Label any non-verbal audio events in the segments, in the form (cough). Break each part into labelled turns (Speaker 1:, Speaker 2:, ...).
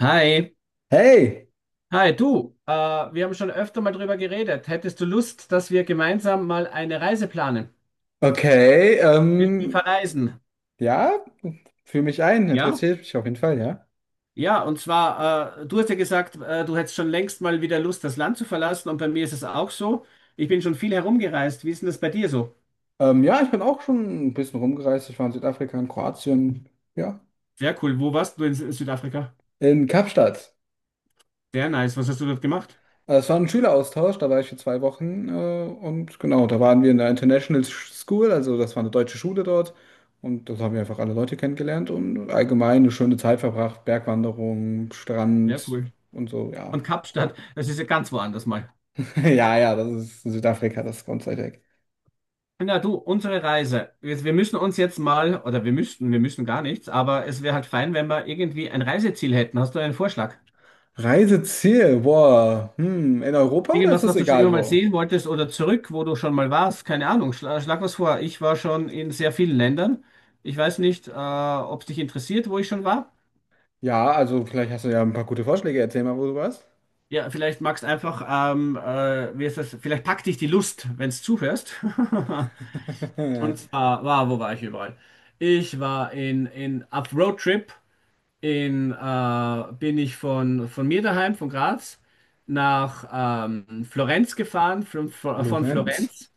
Speaker 1: Hi,
Speaker 2: Hey,
Speaker 1: hi du. Wir haben schon öfter mal drüber geredet. Hättest du Lust, dass wir gemeinsam mal eine Reise planen?
Speaker 2: okay,
Speaker 1: Willst du verreisen?
Speaker 2: ja, fühl mich ein,
Speaker 1: Ja?
Speaker 2: interessiert mich auf jeden Fall, ja.
Speaker 1: Ja, und zwar, du hast ja gesagt, du hättest schon längst mal wieder Lust, das Land zu verlassen. Und bei mir ist es auch so. Ich bin schon viel herumgereist. Wie ist denn das bei dir so?
Speaker 2: Ja, ich bin auch schon ein bisschen rumgereist. Ich war in Südafrika, in Kroatien, ja,
Speaker 1: Sehr cool. Wo warst du in Südafrika?
Speaker 2: in Kapstadt.
Speaker 1: Sehr nice. Was hast du dort gemacht?
Speaker 2: Es war ein Schüleraustausch, da war ich für 2 Wochen, und genau, da waren wir in der International School, also das war eine deutsche Schule dort. Und dort haben wir einfach alle Leute kennengelernt und allgemein eine schöne Zeit verbracht, Bergwanderung,
Speaker 1: Sehr
Speaker 2: Strand
Speaker 1: cool.
Speaker 2: und so, ja.
Speaker 1: Und Kapstadt, das ist ja ganz woanders mal.
Speaker 2: (laughs) Ja, ja, das ist Südafrika, das ganze.
Speaker 1: Na du, unsere Reise. Wir müssen uns jetzt mal, oder wir müssten, wir müssen gar nichts, aber es wäre halt fein, wenn wir irgendwie ein Reiseziel hätten. Hast du einen Vorschlag?
Speaker 2: Reiseziel, boah, in Europa oder ist
Speaker 1: Irgendwas,
Speaker 2: das
Speaker 1: was du schon immer
Speaker 2: egal
Speaker 1: mal
Speaker 2: wo?
Speaker 1: sehen wolltest oder zurück, wo du schon mal warst? Keine Ahnung, schlag was vor. Ich war schon in sehr vielen Ländern. Ich weiß nicht, ob es dich interessiert, wo ich schon war.
Speaker 2: Ja, also vielleicht hast du ja ein paar gute Vorschläge, erzähl mal, wo du warst.
Speaker 1: Ja, vielleicht magst einfach, wie ist das? Vielleicht packt dich die Lust, wenn du zuhörst. (laughs) Und
Speaker 2: (laughs)
Speaker 1: zwar, wo war ich überall? Ich war in auf Roadtrip. Bin ich von, mir daheim, von Graz, nach Florenz gefahren, von,
Speaker 2: Florenz,
Speaker 1: Florenz,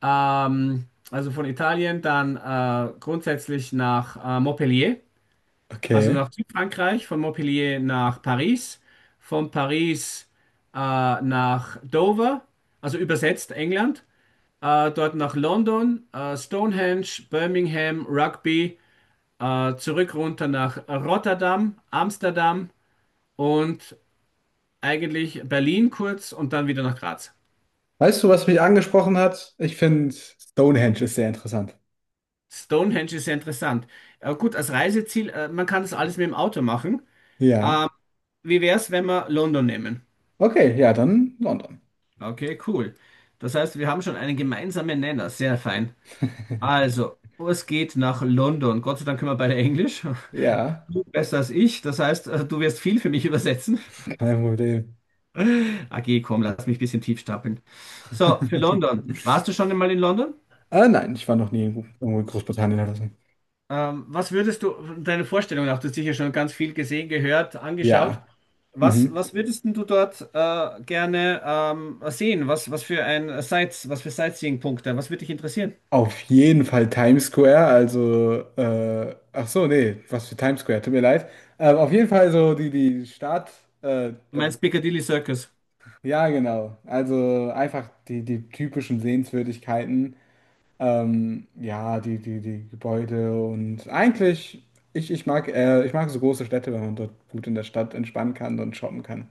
Speaker 1: also von Italien, dann grundsätzlich nach Montpellier, also
Speaker 2: okay.
Speaker 1: nach Südfrankreich, von Montpellier nach Paris, von Paris nach Dover, also übersetzt England, dort nach London, Stonehenge, Birmingham, Rugby, zurück runter nach Rotterdam, Amsterdam, und eigentlich Berlin kurz und dann wieder nach Graz.
Speaker 2: Weißt du, was mich angesprochen hat? Ich finde Stonehenge ist sehr interessant.
Speaker 1: Stonehenge ist sehr interessant. Gut, als Reiseziel, man kann das alles mit dem Auto machen.
Speaker 2: Ja,
Speaker 1: Wie wäre es, wenn wir London nehmen?
Speaker 2: okay, ja, dann London.
Speaker 1: Okay, cool. Das heißt, wir haben schon einen gemeinsamen Nenner. Sehr fein.
Speaker 2: (laughs)
Speaker 1: Also, es geht nach London. Gott sei Dank können wir beide Englisch. (laughs)
Speaker 2: Ja,
Speaker 1: Du besser als ich. Das heißt, du wirst viel für mich übersetzen.
Speaker 2: kein Problem.
Speaker 1: (laughs) AG, komm, lass mich ein bisschen tief stapeln. So, für
Speaker 2: (laughs)
Speaker 1: London. Warst du schon einmal in London?
Speaker 2: Ah, nein, ich war noch nie irgendwo in Großbritannien oder so.
Speaker 1: Was würdest du, deine Vorstellung nach, du hast sicher schon ganz viel gesehen, gehört, angeschaut.
Speaker 2: Ja,
Speaker 1: Was,
Speaker 2: mhm.
Speaker 1: was würdest denn du dort gerne sehen? Was, was für ein Sights, was für Sightseeing-Punkte? Was würde dich interessieren?
Speaker 2: Auf jeden Fall Times Square, also, ach so, nee, was für Times Square, tut mir leid. Auf jeden Fall so die Stadt,
Speaker 1: Du
Speaker 2: das,
Speaker 1: meinst Piccadilly Circus?
Speaker 2: ja, genau. Also einfach die typischen Sehenswürdigkeiten, ja, die Gebäude und eigentlich, ich mag so große Städte, wenn man dort gut in der Stadt entspannen kann und shoppen kann.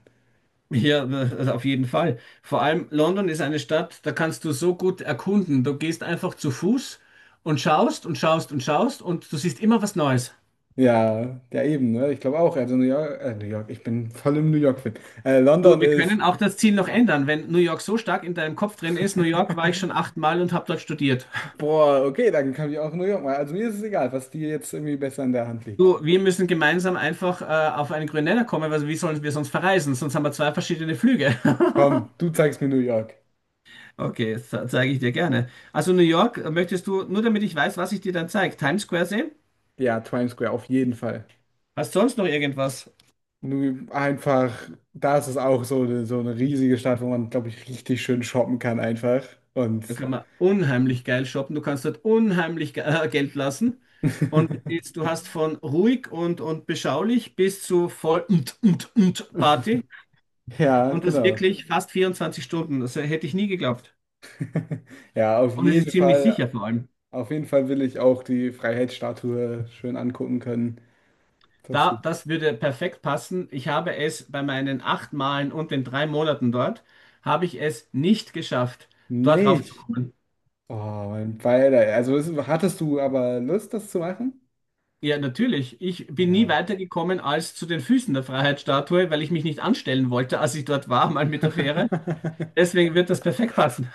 Speaker 1: Ja, auf jeden Fall. Vor allem London ist eine Stadt, da kannst du so gut erkunden. Du gehst einfach zu Fuß und schaust und schaust und schaust und du siehst immer was Neues.
Speaker 2: Ja, ja eben, ne? Ich glaube auch, also New York, New York, ich bin voll im New York-Film.
Speaker 1: Du,
Speaker 2: London
Speaker 1: wir
Speaker 2: ist.
Speaker 1: können auch das Ziel noch ändern, wenn New York so stark in deinem Kopf drin ist. New York war ich
Speaker 2: (laughs)
Speaker 1: schon 8-mal und habe dort studiert.
Speaker 2: Boah, okay, dann kann ich auch New York mal. Also mir ist es egal, was dir jetzt irgendwie besser in der Hand liegt.
Speaker 1: Du, wir müssen gemeinsam einfach auf einen grünen Nenner kommen, weil wie sollen wir sonst verreisen? Sonst haben wir zwei verschiedene Flüge. (laughs)
Speaker 2: Komm, du zeigst mir New York.
Speaker 1: Okay, das zeige ich dir gerne. Also New York, möchtest du, nur damit ich weiß, was ich dir dann zeige, Times Square sehen?
Speaker 2: Ja, Times Square, auf jeden Fall.
Speaker 1: Hast du sonst noch irgendwas?
Speaker 2: Nur einfach, da ist es auch so eine riesige Stadt, wo man, glaube ich, richtig schön shoppen kann einfach. Und
Speaker 1: Da kann man unheimlich geil shoppen. Du kannst dort unheimlich Geld lassen. Und es ist,
Speaker 2: (laughs)
Speaker 1: du hast von ruhig und beschaulich bis zu voll und, und Party.
Speaker 2: ja,
Speaker 1: Und das
Speaker 2: genau.
Speaker 1: wirklich fast 24 Stunden. Das hätte ich nie geglaubt.
Speaker 2: (laughs) Ja,
Speaker 1: Und es ist ziemlich sicher vor allem.
Speaker 2: Auf jeden Fall will ich auch die Freiheitsstatue schön angucken können. Das
Speaker 1: Da, das würde perfekt passen. Ich habe es bei meinen 8 Malen und den 3 Monaten dort, habe ich es nicht geschafft, dort
Speaker 2: nicht.
Speaker 1: raufzukommen.
Speaker 2: Oh, mein Beider. Also hattest du aber Lust, das zu machen?
Speaker 1: Ja, natürlich. Ich bin nie
Speaker 2: Ja,
Speaker 1: weitergekommen als zu den Füßen der Freiheitsstatue, weil ich mich nicht anstellen wollte, als ich dort war, mal mit der Fähre.
Speaker 2: (laughs)
Speaker 1: Deswegen wird das perfekt passen.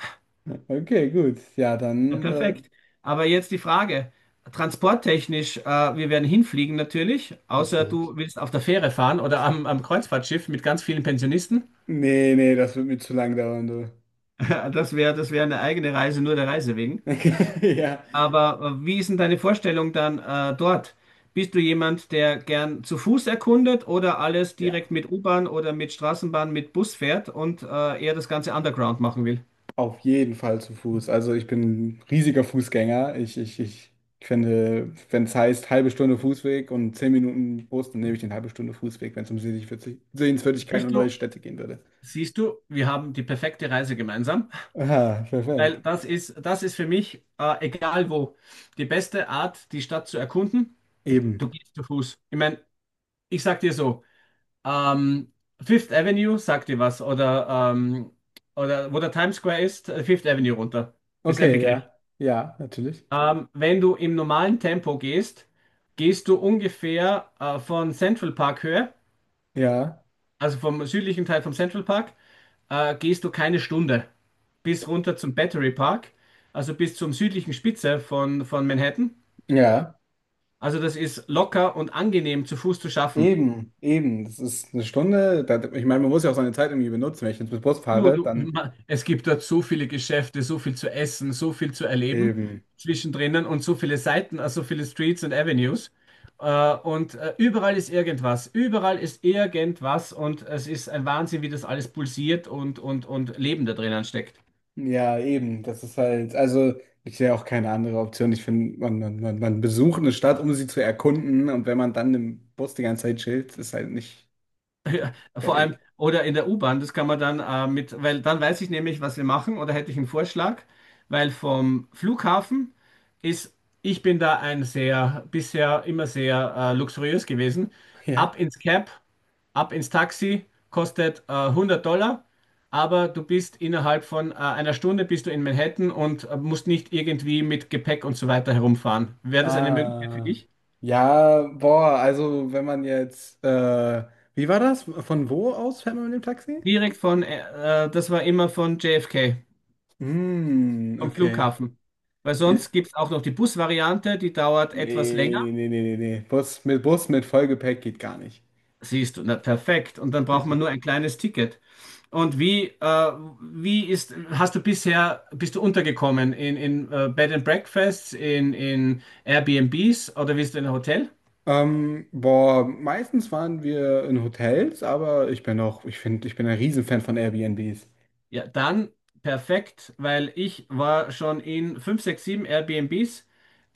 Speaker 2: okay, gut. Ja,
Speaker 1: Ja,
Speaker 2: dann.
Speaker 1: perfekt. Aber jetzt die Frage, transporttechnisch, wir werden hinfliegen natürlich, außer
Speaker 2: Natürlich.
Speaker 1: du willst auf der Fähre fahren oder am, am Kreuzfahrtschiff mit ganz vielen Pensionisten. (laughs)
Speaker 2: Nee, nee, das wird mir zu lang dauern, du.
Speaker 1: Das wäre eine eigene Reise, nur der Reise wegen.
Speaker 2: (laughs) Ja,
Speaker 1: Aber wie ist denn deine Vorstellung dann dort? Bist du jemand, der gern zu Fuß erkundet oder alles
Speaker 2: ja.
Speaker 1: direkt mit U-Bahn oder mit Straßenbahn, mit Bus fährt und eher das Ganze underground machen will?
Speaker 2: Auf jeden Fall zu Fuß. Also ich bin ein riesiger Fußgänger. Ich finde, wenn es heißt halbe Stunde Fußweg und 10 Minuten Bus, dann nehme ich den halbe Stunde Fußweg, wenn es um Sehenswürdigkeiten und
Speaker 1: Siehst
Speaker 2: neue
Speaker 1: du,
Speaker 2: Städte gehen würde.
Speaker 1: siehst du, wir haben die perfekte Reise gemeinsam,
Speaker 2: Aha,
Speaker 1: weil
Speaker 2: perfekt.
Speaker 1: das ist für mich, egal wo, die beste Art, die Stadt zu erkunden.
Speaker 2: Eben.
Speaker 1: Du gehst zu Fuß. Ich meine, ich sag dir so, Ähm, Fifth Avenue, sagt dir was? Oder wo der Times Square ist, Fifth Avenue runter. Ist ein
Speaker 2: Okay,
Speaker 1: Begriff.
Speaker 2: ja. Ja, natürlich.
Speaker 1: Wenn du im normalen Tempo gehst, gehst du ungefähr von Central Park Höhe,
Speaker 2: Ja.
Speaker 1: also vom südlichen Teil vom Central Park, gehst du keine Stunde bis runter zum Battery Park, also bis zum südlichen Spitze von, Manhattan.
Speaker 2: Ja.
Speaker 1: Also das ist locker und angenehm zu Fuß zu schaffen.
Speaker 2: Eben, eben. Das ist eine Stunde. Da, ich meine, man muss ja auch seine Zeit irgendwie benutzen. Wenn ich jetzt mit Bus fahre, dann
Speaker 1: Es gibt dort so viele Geschäfte, so viel zu essen, so viel zu erleben
Speaker 2: eben.
Speaker 1: zwischendrin und so viele Seiten, also so viele Streets und Avenues. Und überall ist irgendwas und es ist ein Wahnsinn, wie das alles pulsiert und, und Leben da drinnen steckt.
Speaker 2: Ja, eben. Das ist halt, also ich sehe auch keine andere Option. Ich finde, man besucht eine Stadt, um sie zu erkunden. Und wenn man dann im Bus die ganze Zeit chillt, ist halt nicht d-
Speaker 1: Ja,
Speaker 2: der
Speaker 1: vor allem,
Speaker 2: Weg.
Speaker 1: oder in der U-Bahn, das kann man dann weil dann weiß ich nämlich, was wir machen, oder hätte ich einen Vorschlag, weil vom Flughafen ist, ich bin da ein sehr, bisher immer sehr luxuriös gewesen.
Speaker 2: Ja.
Speaker 1: Ab ins Cab, ab ins Taxi, kostet $100, aber du bist innerhalb von einer Stunde bist du in Manhattan und musst nicht irgendwie mit Gepäck und so weiter herumfahren. Wäre das eine Möglichkeit für
Speaker 2: Ah.
Speaker 1: dich?
Speaker 2: Ja, boah, also wenn man jetzt, wie war das? Von wo aus fährt man mit dem Taxi?
Speaker 1: Direkt das war immer von JFK
Speaker 2: Hm,
Speaker 1: am
Speaker 2: okay.
Speaker 1: Flughafen. Weil
Speaker 2: Ja.
Speaker 1: sonst gibt es auch noch die Busvariante, die dauert etwas
Speaker 2: Nee,
Speaker 1: länger.
Speaker 2: nee, nee, nee, nee, nee. Bus mit Vollgepäck geht gar nicht.
Speaker 1: Siehst du, na perfekt. Und dann braucht man nur ein kleines Ticket. Und wie ist, hast du bisher, bist du untergekommen in Bed and Breakfasts, in Airbnbs oder bist du in einem Hotel?
Speaker 2: Boah, meistens waren wir in Hotels, aber ich bin auch, ich finde, ich bin ein Riesenfan von Airbnbs.
Speaker 1: Ja, dann perfekt, weil ich war schon in 5, 6, 7 Airbnbs.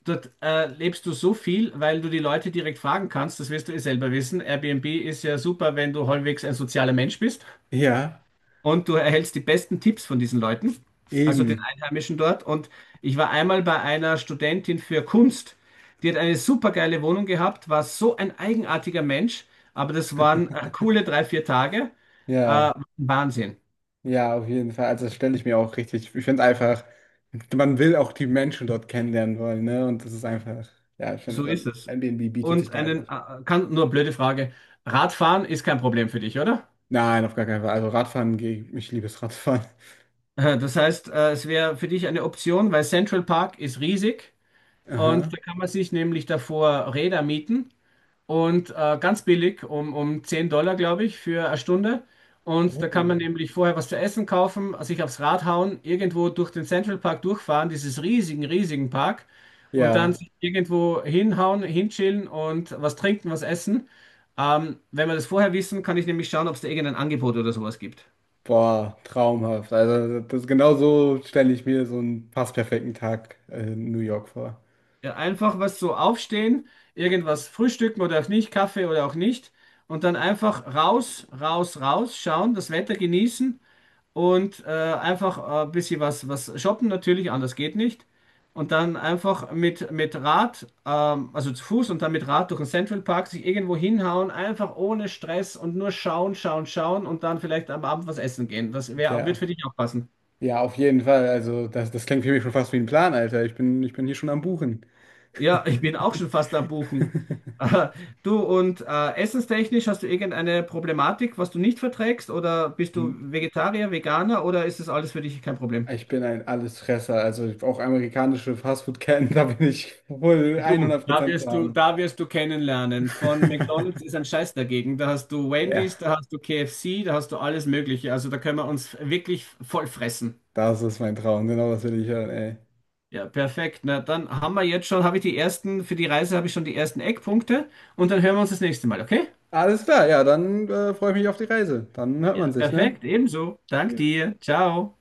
Speaker 1: Dort lebst du so viel, weil du die Leute direkt fragen kannst, das wirst du eh selber wissen. Airbnb ist ja super, wenn du halbwegs ein sozialer Mensch bist
Speaker 2: Ja,
Speaker 1: und du erhältst die besten Tipps von diesen Leuten, also den
Speaker 2: eben.
Speaker 1: Einheimischen dort. Und ich war einmal bei einer Studentin für Kunst, die hat eine super geile Wohnung gehabt, war so ein eigenartiger Mensch, aber das waren coole drei, vier Tage. Äh,
Speaker 2: Ja,
Speaker 1: Wahnsinn,
Speaker 2: ja, auf jeden Fall. Also das stelle ich mir auch richtig. Ich finde einfach, man will auch die Menschen dort kennenlernen wollen, ne? Und das ist einfach, ja, ich
Speaker 1: so
Speaker 2: finde,
Speaker 1: ist es.
Speaker 2: Airbnb bietet sich
Speaker 1: Und
Speaker 2: da einfach.
Speaker 1: nur blöde Frage, Radfahren ist kein Problem für dich, oder?
Speaker 2: Nein, auf gar keinen Fall. Also Radfahren gehe ich, ich liebe es Radfahren.
Speaker 1: Das heißt, es wäre für dich eine Option, weil Central Park ist riesig
Speaker 2: (laughs)
Speaker 1: und
Speaker 2: Aha.
Speaker 1: da kann man sich nämlich davor Räder mieten und ganz billig, um 10 Dollar, glaube ich, für eine Stunde. Und da kann man
Speaker 2: Oh.
Speaker 1: nämlich vorher was zu essen kaufen, sich aufs Rad hauen, irgendwo durch den Central Park durchfahren, dieses riesigen, riesigen Park, und dann
Speaker 2: Ja.
Speaker 1: sich irgendwo hinhauen, hinchillen und was trinken, was essen. Wenn wir das vorher wissen, kann ich nämlich schauen, ob es da irgendein Angebot oder sowas gibt.
Speaker 2: Boah, traumhaft. Also das genau so stelle ich mir so einen fast perfekten Tag in New York vor.
Speaker 1: Ja, einfach was so aufstehen, irgendwas frühstücken oder auch nicht, Kaffee oder auch nicht. Und dann einfach raus, raus, raus schauen, das Wetter genießen und einfach ein bisschen was, was shoppen natürlich, anders geht nicht. Und dann einfach mit Rad, also zu Fuß und dann mit Rad durch den Central Park sich irgendwo hinhauen, einfach ohne Stress und nur schauen, schauen, schauen und dann vielleicht am Abend was essen gehen. Das wär, wird
Speaker 2: Tja,
Speaker 1: für dich auch passen.
Speaker 2: ja, auf jeden Fall. Also das klingt für mich schon fast wie ein Plan, Alter. Ich bin hier schon am Buchen.
Speaker 1: Ja, ich bin auch schon fast am Buchen. (laughs) Äh, Du und essenstechnisch hast du irgendeine Problematik, was du nicht verträgst? Oder bist du Vegetarier, Veganer oder ist das alles für dich kein Problem?
Speaker 2: Ich bin ein Allesfresser. Also auch amerikanische Fastfood-Ketten, (laughs) da bin ich wohl
Speaker 1: Du, da
Speaker 2: 100% zu
Speaker 1: wirst du,
Speaker 2: haben.
Speaker 1: da wirst du kennenlernen. Von McDonald's
Speaker 2: (laughs)
Speaker 1: ist ein Scheiß dagegen. Da hast du
Speaker 2: Ja,
Speaker 1: Wendy's, da hast du KFC, da hast du alles Mögliche. Also da können wir uns wirklich voll fressen.
Speaker 2: das ist mein Traum. Genau das will ich hören, ey.
Speaker 1: Ja, perfekt. Na, dann haben wir jetzt schon, habe ich die ersten, für die Reise habe ich schon die ersten Eckpunkte und dann hören wir uns das nächste Mal, okay?
Speaker 2: Alles klar, ja, dann freue ich mich auf die Reise. Dann hört man
Speaker 1: Ja,
Speaker 2: sich, ne?
Speaker 1: perfekt, ebenso. Dank dir. Ciao.